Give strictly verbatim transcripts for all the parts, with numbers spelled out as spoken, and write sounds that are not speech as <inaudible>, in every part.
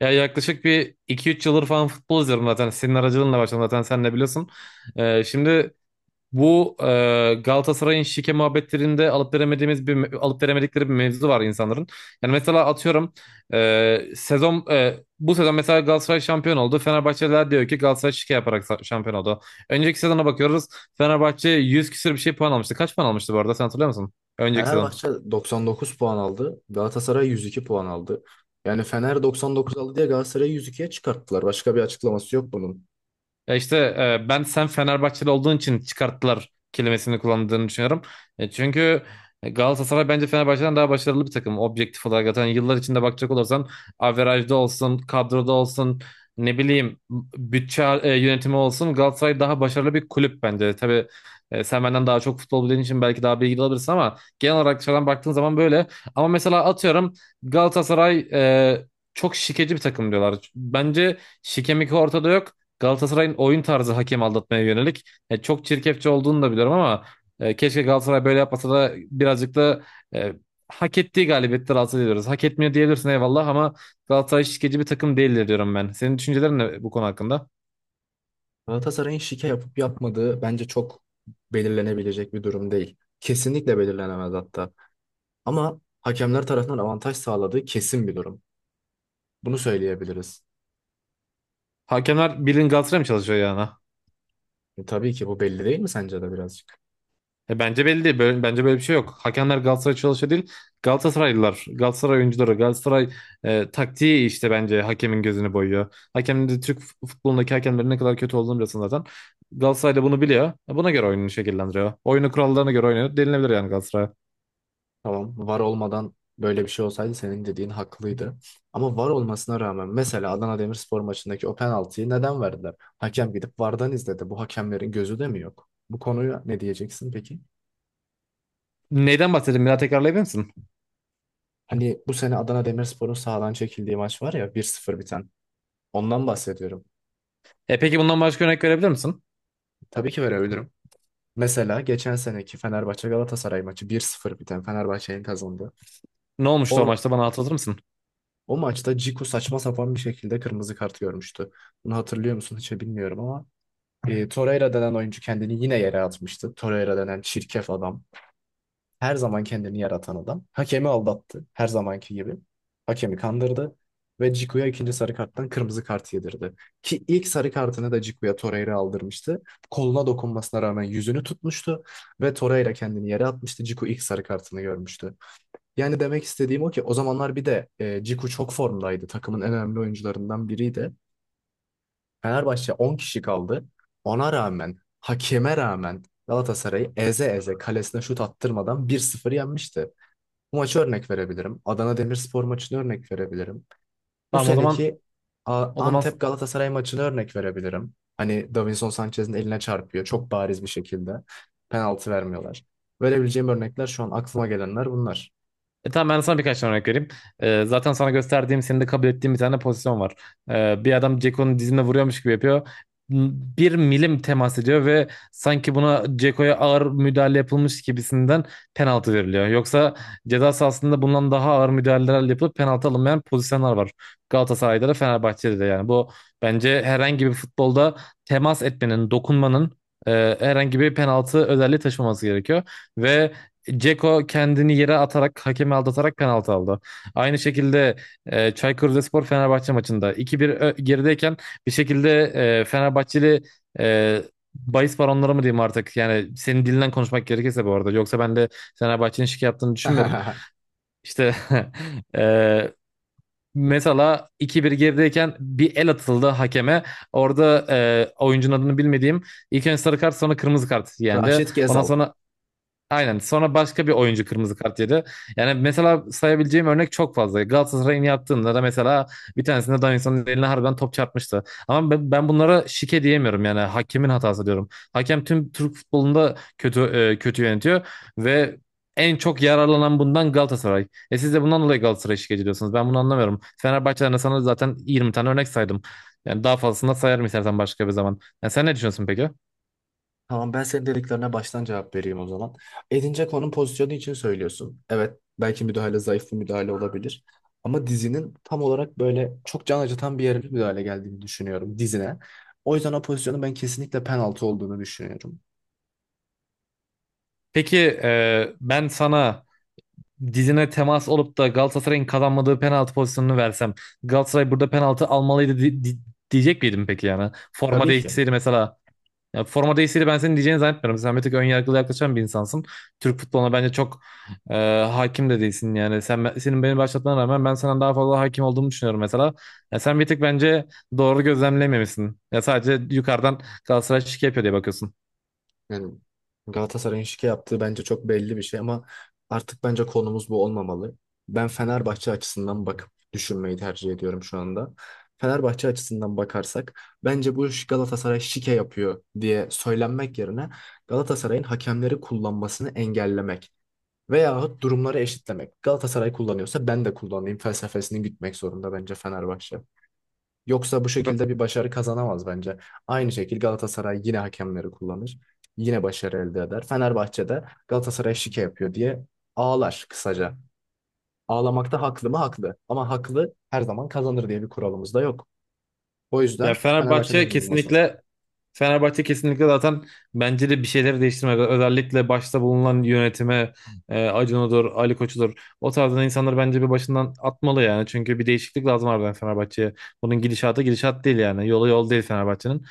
Ya yaklaşık bir iki üç yıldır falan futbol izliyorum zaten. Senin aracılığınla başladım zaten sen de biliyorsun. Ee, şimdi bu e, Galatasaray'ın şike muhabbetlerinde alıp veremediğimiz bir me- alıp veremedikleri bir mevzu var insanların. Yani mesela atıyorum e, sezon e, bu sezon mesela Galatasaray şampiyon oldu. Fenerbahçeliler diyor ki Galatasaray şike yaparak sa- şampiyon oldu. Önceki sezona bakıyoruz. Fenerbahçe yüz küsür bir şey puan almıştı. Kaç puan almıştı bu arada sen hatırlıyor musun? Önceki sezon. Fenerbahçe doksan dokuz puan aldı. Galatasaray yüz iki puan aldı. Yani Fener doksan dokuz aldı diye Galatasaray'ı yüz ikiye çıkarttılar. Başka bir açıklaması yok bunun. Ya işte e, ben sen Fenerbahçeli olduğun için çıkarttılar kelimesini kullandığını düşünüyorum. E, çünkü Galatasaray bence Fenerbahçe'den daha başarılı bir takım objektif olarak. Zaten yıllar içinde bakacak olursan averajda olsun, kadroda olsun, ne bileyim bütçe e, yönetimi olsun Galatasaray daha başarılı bir kulüp bence. Tabii e, sen benden daha çok futbol bildiğin için belki daha bilgili olabilirsin ama genel olarak dışarıdan baktığın zaman böyle. Ama mesela atıyorum Galatasaray e, çok şikeci bir takım diyorlar. Bence şikemik ortada yok. Galatasaray'ın oyun tarzı hakem aldatmaya yönelik. E, çok çirkefçe olduğunu da biliyorum ama e, keşke Galatasaray böyle yapmasa da birazcık da e, hak ettiği galibiyetleri alsa diyoruz. Hak etmiyor diyebilirsin eyvallah ama Galatasaray şişkeci bir takım değildir diyorum ben. Senin düşüncelerin ne bu konu hakkında? Galatasaray'ın şike yapıp yapmadığı bence çok belirlenebilecek bir durum değil. Kesinlikle belirlenemez hatta. Ama hakemler tarafından avantaj sağladığı kesin bir durum. Bunu söyleyebiliriz. Hakemler bilin Galatasaray mı çalışıyor yani? E, tabii ki bu belli değil mi sence de birazcık? E, bence belli değil. Böyle- bence böyle bir şey yok. Hakemler Galatasaray çalışıyor değil. Galatasaraylılar, Galatasaray oyuncuları, Galatasaray e, taktiği işte bence hakemin gözünü boyuyor. Hakemin de Türk fut- futbolundaki hakemlerin ne kadar kötü olduğunu biliyorsun zaten. Galatasaray da bunu biliyor. E, buna göre oyununu şekillendiriyor. Oyunu kurallarına göre oynuyor. Denilebilir yani Galatasaray. Tamam, var olmadan böyle bir şey olsaydı senin dediğin haklıydı. Ama var olmasına rağmen mesela Adana Demirspor maçındaki o penaltıyı neden verdiler? Hakem gidip VAR'dan izledi. Bu hakemlerin gözü de mi yok? Bu konuya ne diyeceksin peki? Neyden bahsedeyim? Bir daha tekrarlayabilir misin? Hani bu sene Adana Demirspor'un sahadan çekildiği maç var ya bir sıfır biten. Ondan bahsediyorum. E, peki bundan başka örnek verebilir misin? Tabii ki verebilirim. Mesela geçen seneki Fenerbahçe Galatasaray maçı bir sıfır biten Fenerbahçe'nin kazandığı. Ne olmuştu o O maçta bana hatırlatır mısın? O maçta Ciku saçma sapan bir şekilde kırmızı kart görmüştü. Bunu hatırlıyor musun hiç bilmiyorum ama E, Torreira denen oyuncu kendini yine yere atmıştı. Torreira denen çirkef adam. Her zaman kendini yaratan adam. Hakemi aldattı. Her zamanki gibi. Hakemi kandırdı. Ve Cicu'ya ikinci sarı karttan kırmızı kart yedirdi. Ki ilk sarı kartını da Cicu'ya Torreira aldırmıştı. Koluna dokunmasına rağmen yüzünü tutmuştu. Ve Torreira kendini yere atmıştı. Cicu ilk sarı kartını görmüştü. Yani demek istediğim o ki o zamanlar bir de e, Cicu çok formdaydı. Takımın en önemli oyuncularından biriydi. Fenerbahçe on kişi kaldı. Ona rağmen, hakeme rağmen Galatasaray'ı eze eze kalesine şut attırmadan bir sıfır yenmişti. Bu maçı örnek verebilirim. Adana Demirspor maçını örnek verebilirim. Bu Tamam o zaman seneki A- o zaman Antep Galatasaray maçını örnek verebilirim. Hani Davinson Sanchez'in eline çarpıyor çok bariz bir şekilde. Penaltı vermiyorlar. Verebileceğim örnekler şu an aklıma gelenler bunlar. E, tamam, ben sana birkaç tane örnek vereyim. E, zaten sana gösterdiğim, senin de kabul ettiğim bir tane pozisyon var. E, bir adam Ceko'nun dizine vuruyormuş gibi yapıyor. M- Bir milim temas ediyor ve sanki buna Ceko'ya ağır müdahale yapılmış gibisinden penaltı veriliyor. Yoksa ceza sahasında bundan daha ağır müdahaleler yapılıp penaltı alınmayan pozisyonlar var. Galatasaray'da da Fenerbahçe'de de yani bu bence herhangi bir futbolda temas etmenin, dokunmanın e, herhangi bir penaltı özelliği taşımaması gerekiyor. Ve Ceko kendini yere atarak, hakemi aldatarak penaltı aldı. Aynı şekilde e, Çaykur Rizespor Fenerbahçe maçında iki bir ö- gerideyken bir şekilde e, Fenerbahçeli e, bahis baronları mı diyeyim artık? Yani senin dilinden konuşmak gerekirse bu arada. Yoksa ben de Fenerbahçe'nin şike yaptığını düşünmüyorum. <laughs> İşte <laughs> e, mesela iki bir gerideyken bir el atıldı hakeme. Orada e, oyuncunun adını bilmediğim ilk önce sarı kart sonra kırmızı kart yendi. Raşit Ondan Gezal. sonra aynen. Sonra başka bir oyuncu kırmızı kart yedi. Yani mesela sayabileceğim örnek çok fazla. Galatasaray'ın yaptığında da mesela bir tanesinde Davinson'un eline harbiden top çarpmıştı. Ama ben, ben bunlara şike diyemiyorum yani hakemin hatası diyorum. Hakem tüm Türk futbolunda kötü e, kötü yönetiyor ve en çok yararlanan bundan Galatasaray. E siz de bundan dolayı Galatasaray'ı şikayet ediyorsunuz. Ben bunu anlamıyorum. Fenerbahçe'den de sana zaten yirmi tane örnek saydım. Yani daha fazlasını da sayarım istersen başka bir zaman. Yani sen ne düşünüyorsun peki? Tamam ben senin dediklerine baştan cevap vereyim o zaman. Edince konum pozisyonu için söylüyorsun. Evet belki müdahale zayıf bir müdahale olabilir. Ama dizinin tam olarak böyle çok can acıtan bir yere bir müdahale geldiğini düşünüyorum dizine. O yüzden o pozisyonun ben kesinlikle penaltı olduğunu düşünüyorum. Peki e, ben sana dizine temas olup da Galatasaray'ın kazanmadığı penaltı pozisyonunu versem Galatasaray burada penaltı almalıydı di- di- diyecek miydim peki yani? Forma Tabii ki. değişseydi mesela. Ya forma değişseydi ben senin diyeceğini zannetmiyorum. Sen bir tık ön yargılı yaklaşan bir insansın. Türk futboluna bence çok e, hakim de değilsin yani. Sen senin beni başlatmana rağmen ben senden daha fazla hakim olduğumu düşünüyorum mesela. Ya sen bir tık bence doğru gözlemlememişsin. Ya sadece yukarıdan Galatasaray şike yapıyor diye bakıyorsun. Yani Galatasaray'ın şike yaptığı bence çok belli bir şey ama artık bence konumuz bu olmamalı. Ben Fenerbahçe açısından bakıp düşünmeyi tercih ediyorum şu anda. Fenerbahçe açısından bakarsak bence bu iş Galatasaray şike yapıyor diye söylenmek yerine Galatasaray'ın hakemleri kullanmasını engellemek veyahut durumları eşitlemek. Galatasaray kullanıyorsa ben de kullanayım felsefesini gütmek zorunda bence Fenerbahçe. Yoksa bu şekilde bir başarı kazanamaz bence. Aynı şekilde Galatasaray yine hakemleri kullanır. Yine başarı elde eder. Fenerbahçe'de Galatasaray şike yapıyor diye ağlar kısaca. Ağlamakta haklı mı? Haklı. Ama haklı her zaman kazanır diye bir kuralımız da yok. O Ya yüzden Fenerbahçe'de Fenerbahçe çözüm bulması lazım. kesinlikle Fenerbahçe kesinlikle zaten bence de bir şeyleri değiştirmek. Özellikle başta bulunan yönetime e, Acun Odur, Ali Koç'udur. O tarzdan insanları bence bir başından atmalı yani. Çünkü bir değişiklik lazım harbiden Fenerbahçe'ye. Bunun gidişatı gidişat değil yani. Yolu yol değil Fenerbahçe'nin.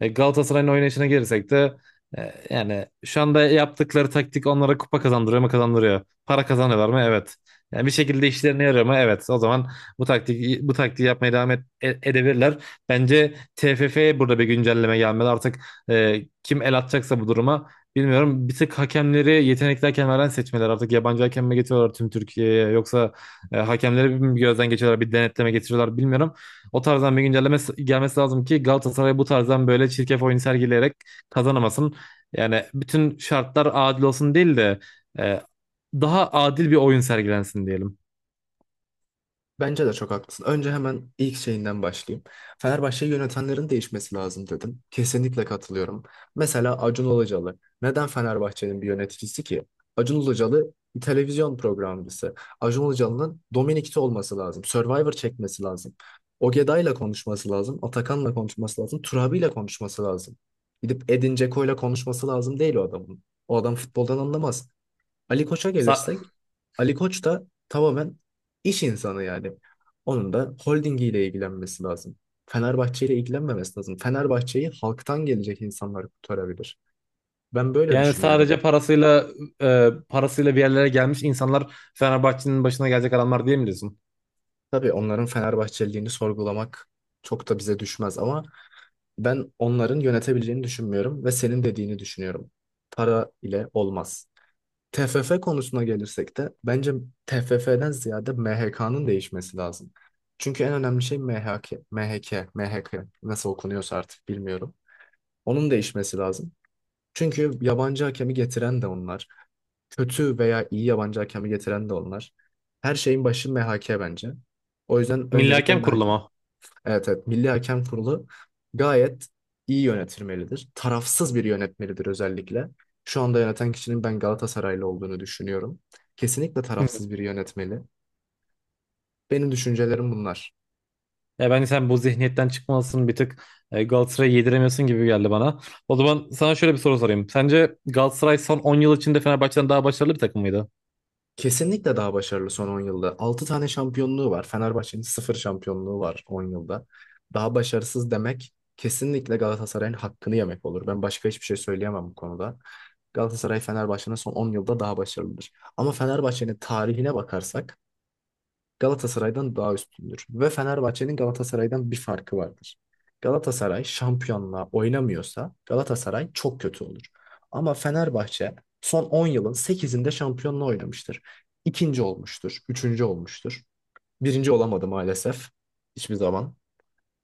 E, Galatasaray'ın oynayışına gelirsek de e, yani şu anda yaptıkları taktik onlara kupa kazandırıyor mu kazandırıyor. Para kazanıyorlar mı? Evet. Yani bir şekilde işlerine yarıyor mu? Evet. O zaman bu taktik bu taktiği yapmaya devam et, e- edebilirler. Bence T F F'ye burada bir güncelleme gelmeli. Artık e, kim el atacaksa bu duruma bilmiyorum. Bir tık hakemleri yetenekli hakemlerden seçmeler. Artık yabancı hakem mi getiriyorlar tüm Türkiye'ye yoksa e, hakemleri bir gözden geçiriyorlar, bir denetleme getiriyorlar bilmiyorum. O tarzdan bir güncelleme s- gelmesi lazım ki Galatasaray bu tarzdan böyle çirkef oyun sergileyerek kazanamasın. Yani bütün şartlar adil olsun değil de e, daha adil bir oyun sergilensin diyelim. Bence de çok haklısın. Önce hemen ilk şeyinden başlayayım. Fenerbahçe'yi yönetenlerin değişmesi lazım dedim. Kesinlikle katılıyorum. Mesela Acun Ilıcalı. Neden Fenerbahçe'nin bir yöneticisi ki? Acun Ilıcalı bir televizyon programcısı. Acun Ilıcalı'nın Dominik'te olması lazım. Survivor çekmesi lazım. Ogeday'la konuşması lazım. Atakan'la konuşması lazım. Turabi'yle konuşması lazım. Gidip Edin Dzeko'yla konuşması lazım değil o adamın. O adam futboldan anlamaz. Ali Koç'a Sa- gelirsek, Ali Koç da tamamen iş insanı yani. Onun da holdingiyle ilgilenmesi lazım. Fenerbahçe ile ilgilenmemesi lazım. Fenerbahçe'yi halktan gelecek insanlar kurtarabilir. Ben böyle Yani düşünüyorum. sadece parasıyla e, parasıyla bir yerlere gelmiş insanlar Fenerbahçe'nin başına gelecek adamlar diye mi diyorsun? Tabii onların Fenerbahçeliliğini sorgulamak çok da bize düşmez ama ben onların yönetebileceğini düşünmüyorum ve senin dediğini düşünüyorum. Para ile olmaz. T F F konusuna gelirsek de bence T F F'den ziyade M H K'nın değişmesi lazım. Çünkü en önemli şey M H K, M H K, M H K nasıl okunuyorsa artık bilmiyorum. Onun değişmesi lazım. Çünkü yabancı hakemi getiren de onlar. Kötü veya iyi yabancı hakemi getiren de onlar. Her şeyin başı M H K bence. O yüzden Milli öncelikle Hakem Kurulu M H K. mu? Evet, evet, Milli Hakem Kurulu gayet iyi yönetilmelidir. Tarafsız bir yönetmelidir özellikle. Şu anda yöneten kişinin ben Galatasaraylı olduğunu düşünüyorum. Kesinlikle Hı. tarafsız bir yönetmeli. Benim düşüncelerim bunlar. Ya ben sen bu zihniyetten çıkmalısın bir tık e, Galatasaray'ı yediremiyorsun gibi geldi bana. O zaman sana şöyle bir soru sorayım. Sence Galatasaray son on yıl içinde Fenerbahçe'den daha başarılı bir takım mıydı? Kesinlikle daha başarılı son on yılda. Altı tane şampiyonluğu var. Fenerbahçe'nin sıfır şampiyonluğu var on yılda. Daha başarısız demek kesinlikle Galatasaray'ın hakkını yemek olur. Ben başka hiçbir şey söyleyemem bu konuda. Galatasaray Fenerbahçe'nin son on yılda daha başarılıdır. Ama Fenerbahçe'nin tarihine bakarsak Galatasaray'dan daha üstündür ve Fenerbahçe'nin Galatasaray'dan bir farkı vardır. Galatasaray şampiyonla oynamıyorsa Galatasaray çok kötü olur. Ama Fenerbahçe son on yılın sekizinde şampiyonla oynamıştır. İkinci olmuştur, üçüncü olmuştur. Birinci olamadı maalesef hiçbir zaman.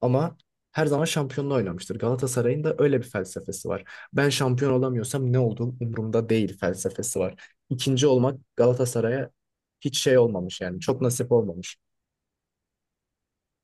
Ama her zaman şampiyonla oynamıştır. Galatasaray'ın da öyle bir felsefesi var. Ben şampiyon olamıyorsam ne olduğum umurumda değil felsefesi var. İkinci olmak Galatasaray'a hiç şey olmamış yani çok nasip olmamış.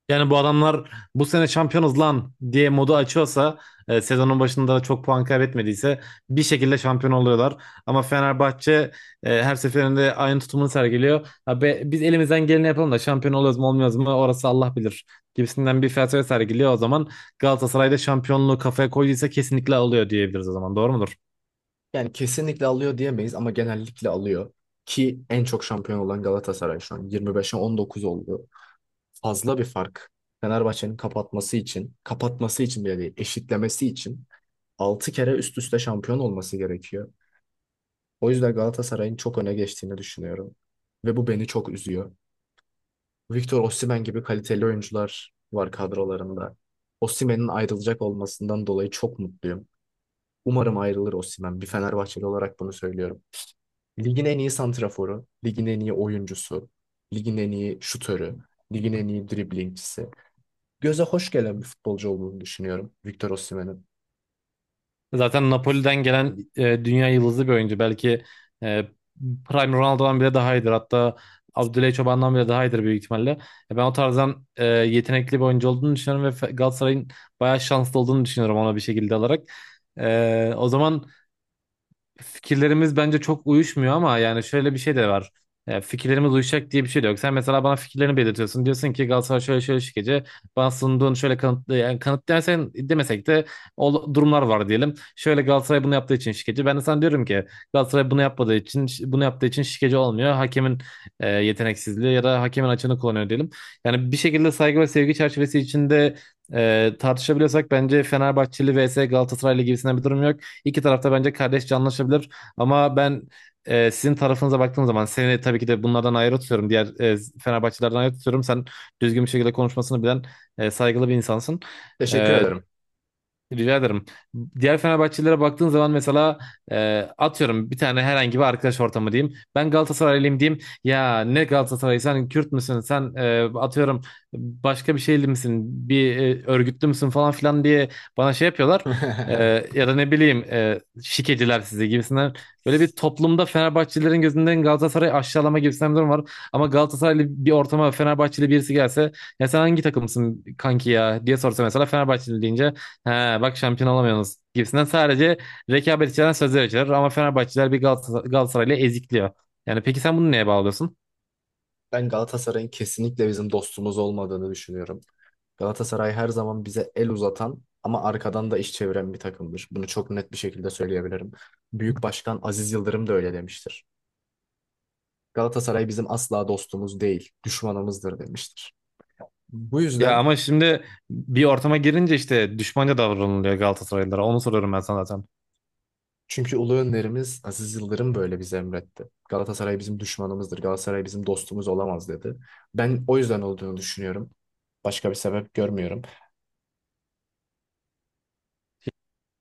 Yani bu adamlar bu sene şampiyonuz lan diye modu açıyorsa e, sezonun başında çok puan kaybetmediyse bir şekilde şampiyon oluyorlar. Ama Fenerbahçe e, her seferinde aynı tutumunu sergiliyor. Ha be- biz elimizden geleni yapalım da şampiyon oluyoruz mu olmuyoruz mu orası Allah bilir gibisinden bir felsefe sergiliyor. O zaman Galatasaray'da şampiyonluğu kafaya koyduysa kesinlikle alıyor diyebiliriz o zaman. Doğru mudur? Yani kesinlikle alıyor diyemeyiz ama genellikle alıyor. Ki en çok şampiyon olan Galatasaray şu an yirmi beşe on dokuz oldu. Fazla bir fark. Fenerbahçe'nin kapatması için, kapatması için bile değil, eşitlemesi için altı kere üst üste şampiyon olması gerekiyor. O yüzden Galatasaray'ın çok öne geçtiğini düşünüyorum. Ve bu beni çok üzüyor. Victor Osimhen gibi kaliteli oyuncular var kadrolarında. Osimhen'in ayrılacak olmasından dolayı çok mutluyum. Umarım ayrılır Osimhen. Bir Fenerbahçeli olarak bunu söylüyorum. Ligin en iyi santraforu, ligin en iyi oyuncusu, ligin en iyi şutörü, ligin en iyi driblingçisi. Göze hoş gelen bir futbolcu olduğunu düşünüyorum Victor Osimhen'in. Zaten Napoli'den gelen e, dünya yıldızı bir oyuncu. Belki e, Prime Ronaldo'dan bile daha iyidir. Hatta Abdüley Çoban'dan bile daha iyidir büyük ihtimalle. E, ben o tarzdan e, yetenekli bir oyuncu olduğunu düşünüyorum ve Fe- Galatasaray'ın bayağı şanslı olduğunu düşünüyorum ona bir şekilde alarak. E, o zaman fikirlerimiz bence çok uyuşmuyor ama yani şöyle bir şey de var. E, fikirlerimiz uyuşacak diye bir şey de yok. Sen mesela bana fikirlerini belirtiyorsun. Diyorsun ki Galatasaray şöyle şöyle şikeci. Bana sunduğun şöyle kanıt, e, yani kanıt dersen demesek de o durumlar var diyelim. Şöyle Galatasaray bunu yaptığı için şikeci. Ben de sana diyorum ki Galatasaray bunu yapmadığı için bunu yaptığı için şikeci olmuyor. Hakemin e, yeteneksizliği ya da hakemin açığını kullanıyor diyelim. Yani bir şekilde saygı ve sevgi çerçevesi içinde e, tartışabiliyorsak bence Fenerbahçeli vs Galatasaraylı gibisinden bir durum yok. İki tarafta bence kardeşçe anlaşabilir. Ama ben e, sizin tarafınıza baktığım zaman seni tabii ki de bunlardan ayrı tutuyorum. Diğer e, Fenerbahçelerden ayrı tutuyorum. Sen düzgün bir şekilde konuşmasını bilen e, saygılı bir insansın. Teşekkür E, ederim. rica ederim. Diğer Fenerbahçelilere baktığın zaman mesela e, atıyorum bir tane herhangi bir arkadaş ortamı diyeyim. Ben Galatasaraylıyım diyeyim. Ya ne Galatasaray sen Kürt müsün? Sen e, atıyorum başka bir şeyli misin? Bir e, örgütlü müsün falan filan diye bana şey yapıyorlar. E, <laughs> Ya da ne bileyim e, şikeciler sizi gibisinden. Böyle bir toplumda Fenerbahçelilerin gözünden Galatasaray'ı aşağılama gibisinden bir durum var. Ama Galatasaraylı bir ortama Fenerbahçeli birisi gelse ya sen hangi takımsın kanki ya diye sorsa mesela Fenerbahçeli deyince he, bak şampiyon olamıyorsunuz gibisinden sadece rekabet içeren sözler içerir ama Fenerbahçeliler bir Galatasaray, Galatasaray'la ezikliyor. Yani peki sen bunu neye bağlıyorsun? Ben Galatasaray'ın kesinlikle bizim dostumuz olmadığını düşünüyorum. Galatasaray her zaman bize el uzatan ama arkadan da iş çeviren bir takımdır. Bunu çok net bir şekilde söyleyebilirim. Büyük Başkan Aziz Yıldırım da öyle demiştir. Galatasaray bizim asla dostumuz değil, düşmanımızdır demiştir. Bu Ya yüzden ama şimdi bir ortama girince işte düşmanca davranılıyor Galatasaraylılara. Onu soruyorum ben sana zaten. Çünkü ulu önderimiz Aziz Yıldırım böyle bize emretti. Galatasaray bizim düşmanımızdır. Galatasaray bizim dostumuz olamaz dedi. Ben o yüzden olduğunu düşünüyorum. Başka bir sebep görmüyorum.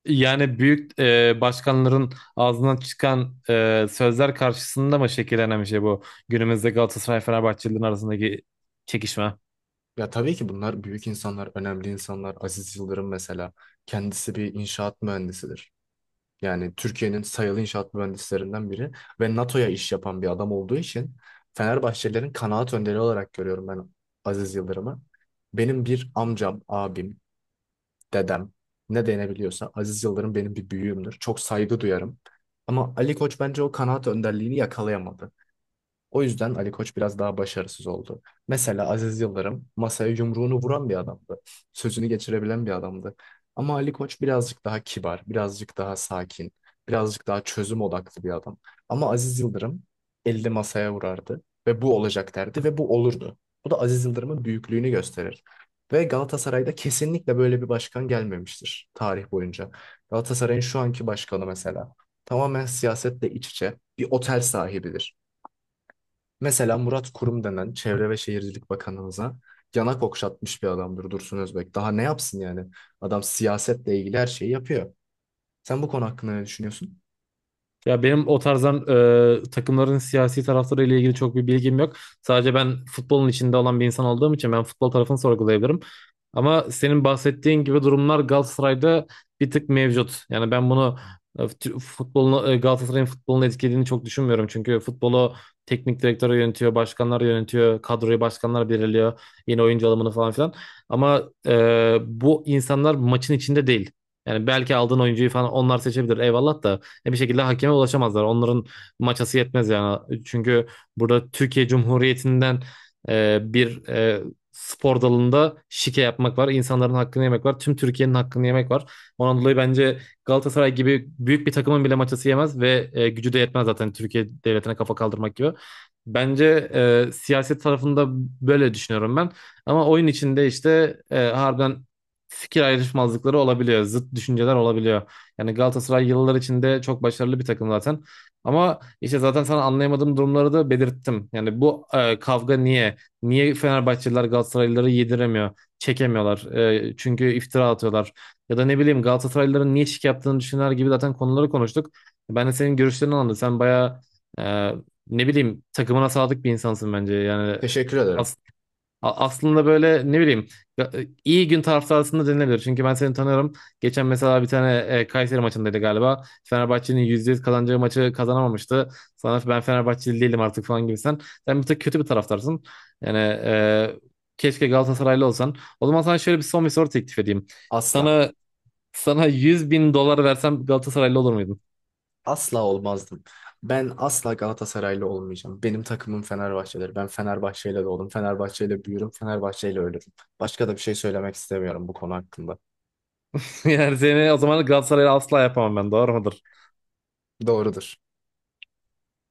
Yani büyük e, başkanların ağzından çıkan e, sözler karşısında mı şekillenen bir şey bu? Günümüzde Galatasaray Fenerbahçelilerin arasındaki çekişme. Ya tabii ki bunlar büyük insanlar, önemli insanlar. Aziz Yıldırım mesela kendisi bir inşaat mühendisidir. Yani Türkiye'nin sayılı inşaat mühendislerinden biri ve NATO'ya iş yapan bir adam olduğu için Fenerbahçelilerin kanaat önderi olarak görüyorum ben Aziz Yıldırım'ı. Benim bir amcam, abim, dedem ne denebiliyorsa Aziz Yıldırım benim bir büyüğümdür. Çok saygı duyarım. Ama Ali Koç bence o kanaat önderliğini yakalayamadı. O yüzden Ali Koç biraz daha başarısız oldu. Mesela Aziz Yıldırım masaya yumruğunu vuran bir adamdı. Sözünü geçirebilen bir adamdı. Ama Ali Koç birazcık daha kibar, birazcık daha sakin, birazcık daha çözüm odaklı bir adam. Ama Aziz Yıldırım elde masaya vurardı ve bu olacak derdi ve bu olurdu. Bu da Aziz Yıldırım'ın büyüklüğünü gösterir. Ve Galatasaray'da kesinlikle böyle bir başkan gelmemiştir tarih boyunca. Galatasaray'ın şu anki başkanı mesela tamamen siyasetle iç içe bir otel sahibidir. Mesela Murat Kurum denen Çevre ve Şehircilik Bakanımıza yanak okşatmış bir adamdır Dursun Özbek. Daha ne yapsın yani? Adam siyasetle ilgili her şeyi yapıyor. Sen bu konu hakkında ne düşünüyorsun? Ya benim o tarzdan e, takımların siyasi taraftarı ile ilgili çok bir bilgim yok. Sadece ben futbolun içinde olan bir insan olduğum için ben futbol tarafını sorgulayabilirim. Ama senin bahsettiğin gibi durumlar Galatasaray'da bir tık mevcut. Yani ben bunu e, fut- futbolunu e, Galatasaray'ın futbolunu etkilediğini çok düşünmüyorum. Çünkü futbolu teknik direktörü yönetiyor, başkanlar yönetiyor, kadroyu başkanlar belirliyor, yeni oyuncu alımını falan filan. Ama e, bu insanlar maçın içinde değil. Yani belki aldığın oyuncuyu falan onlar seçebilir eyvallah da. E, bir şekilde hakeme ulaşamazlar. Onların maçası yetmez yani. Çünkü burada Türkiye Cumhuriyeti'nden e, bir e, spor dalında şike yapmak var. İnsanların hakkını yemek var. Tüm Türkiye'nin hakkını yemek var. Ondan dolayı bence Galatasaray gibi büyük bir takımın bile maçası yemez ve e, gücü de yetmez zaten Türkiye devletine kafa kaldırmak gibi. Bence e, siyaset tarafında böyle düşünüyorum ben. Ama oyun içinde işte e, harbiden fikir ayrışmazlıkları olabiliyor. Zıt düşünceler olabiliyor. Yani Galatasaray yıllar içinde çok başarılı bir takım zaten. Ama işte zaten sana anlayamadığım durumları da belirttim. Yani bu e, kavga niye? Niye Fenerbahçeliler Galatasaraylıları yediremiyor, çekemiyorlar? E, çünkü iftira atıyorlar. Ya da ne bileyim Galatasaraylıların niye şık yaptığını düşünenler gibi zaten konuları konuştuk. Ben de senin görüşlerini anladım. Sen bayağı e, ne bileyim takımına sadık bir insansın bence. Yani Teşekkür ederim. A- aslında böyle ne bileyim ya- e, iyi gün taraftarısında denilebilir. Çünkü ben seni tanıyorum. Geçen mesela bir tane e, Kayseri maçındaydı galiba. Fenerbahçe'nin yüzde yüz kazanacağı maçı kazanamamıştı. Sana ben Fenerbahçeli değilim artık falan gibi Sen Sen bir tık kötü bir taraftarsın. Yani e, keşke Galatasaraylı olsan. O zaman sana şöyle bir son bir soru teklif edeyim. Asla. Sana sana yüz bin dolar versem Galatasaraylı olur muydun? Asla olmazdım. Ben asla Galatasaraylı olmayacağım. Benim takımım Fenerbahçe'dir. Ben Fenerbahçe'yle doğdum. Fenerbahçe'yle büyürüm. Fenerbahçe'yle ölürüm. Başka da bir şey söylemek istemiyorum bu konu hakkında. <laughs> Yani seni o zaman Galatasaraylı asla yapamam ben. Doğru mudur? Doğrudur.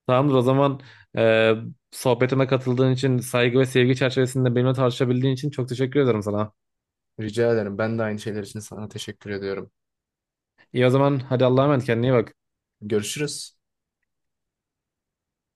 Tamamdır o zaman e, sohbetime katıldığın için saygı ve sevgi çerçevesinde benimle tartışabildiğin için çok teşekkür ederim sana. Rica ederim. Ben de aynı şeyler için sana teşekkür ediyorum. İyi o zaman hadi Allah'a emanet kendine iyi bak. Görüşürüz.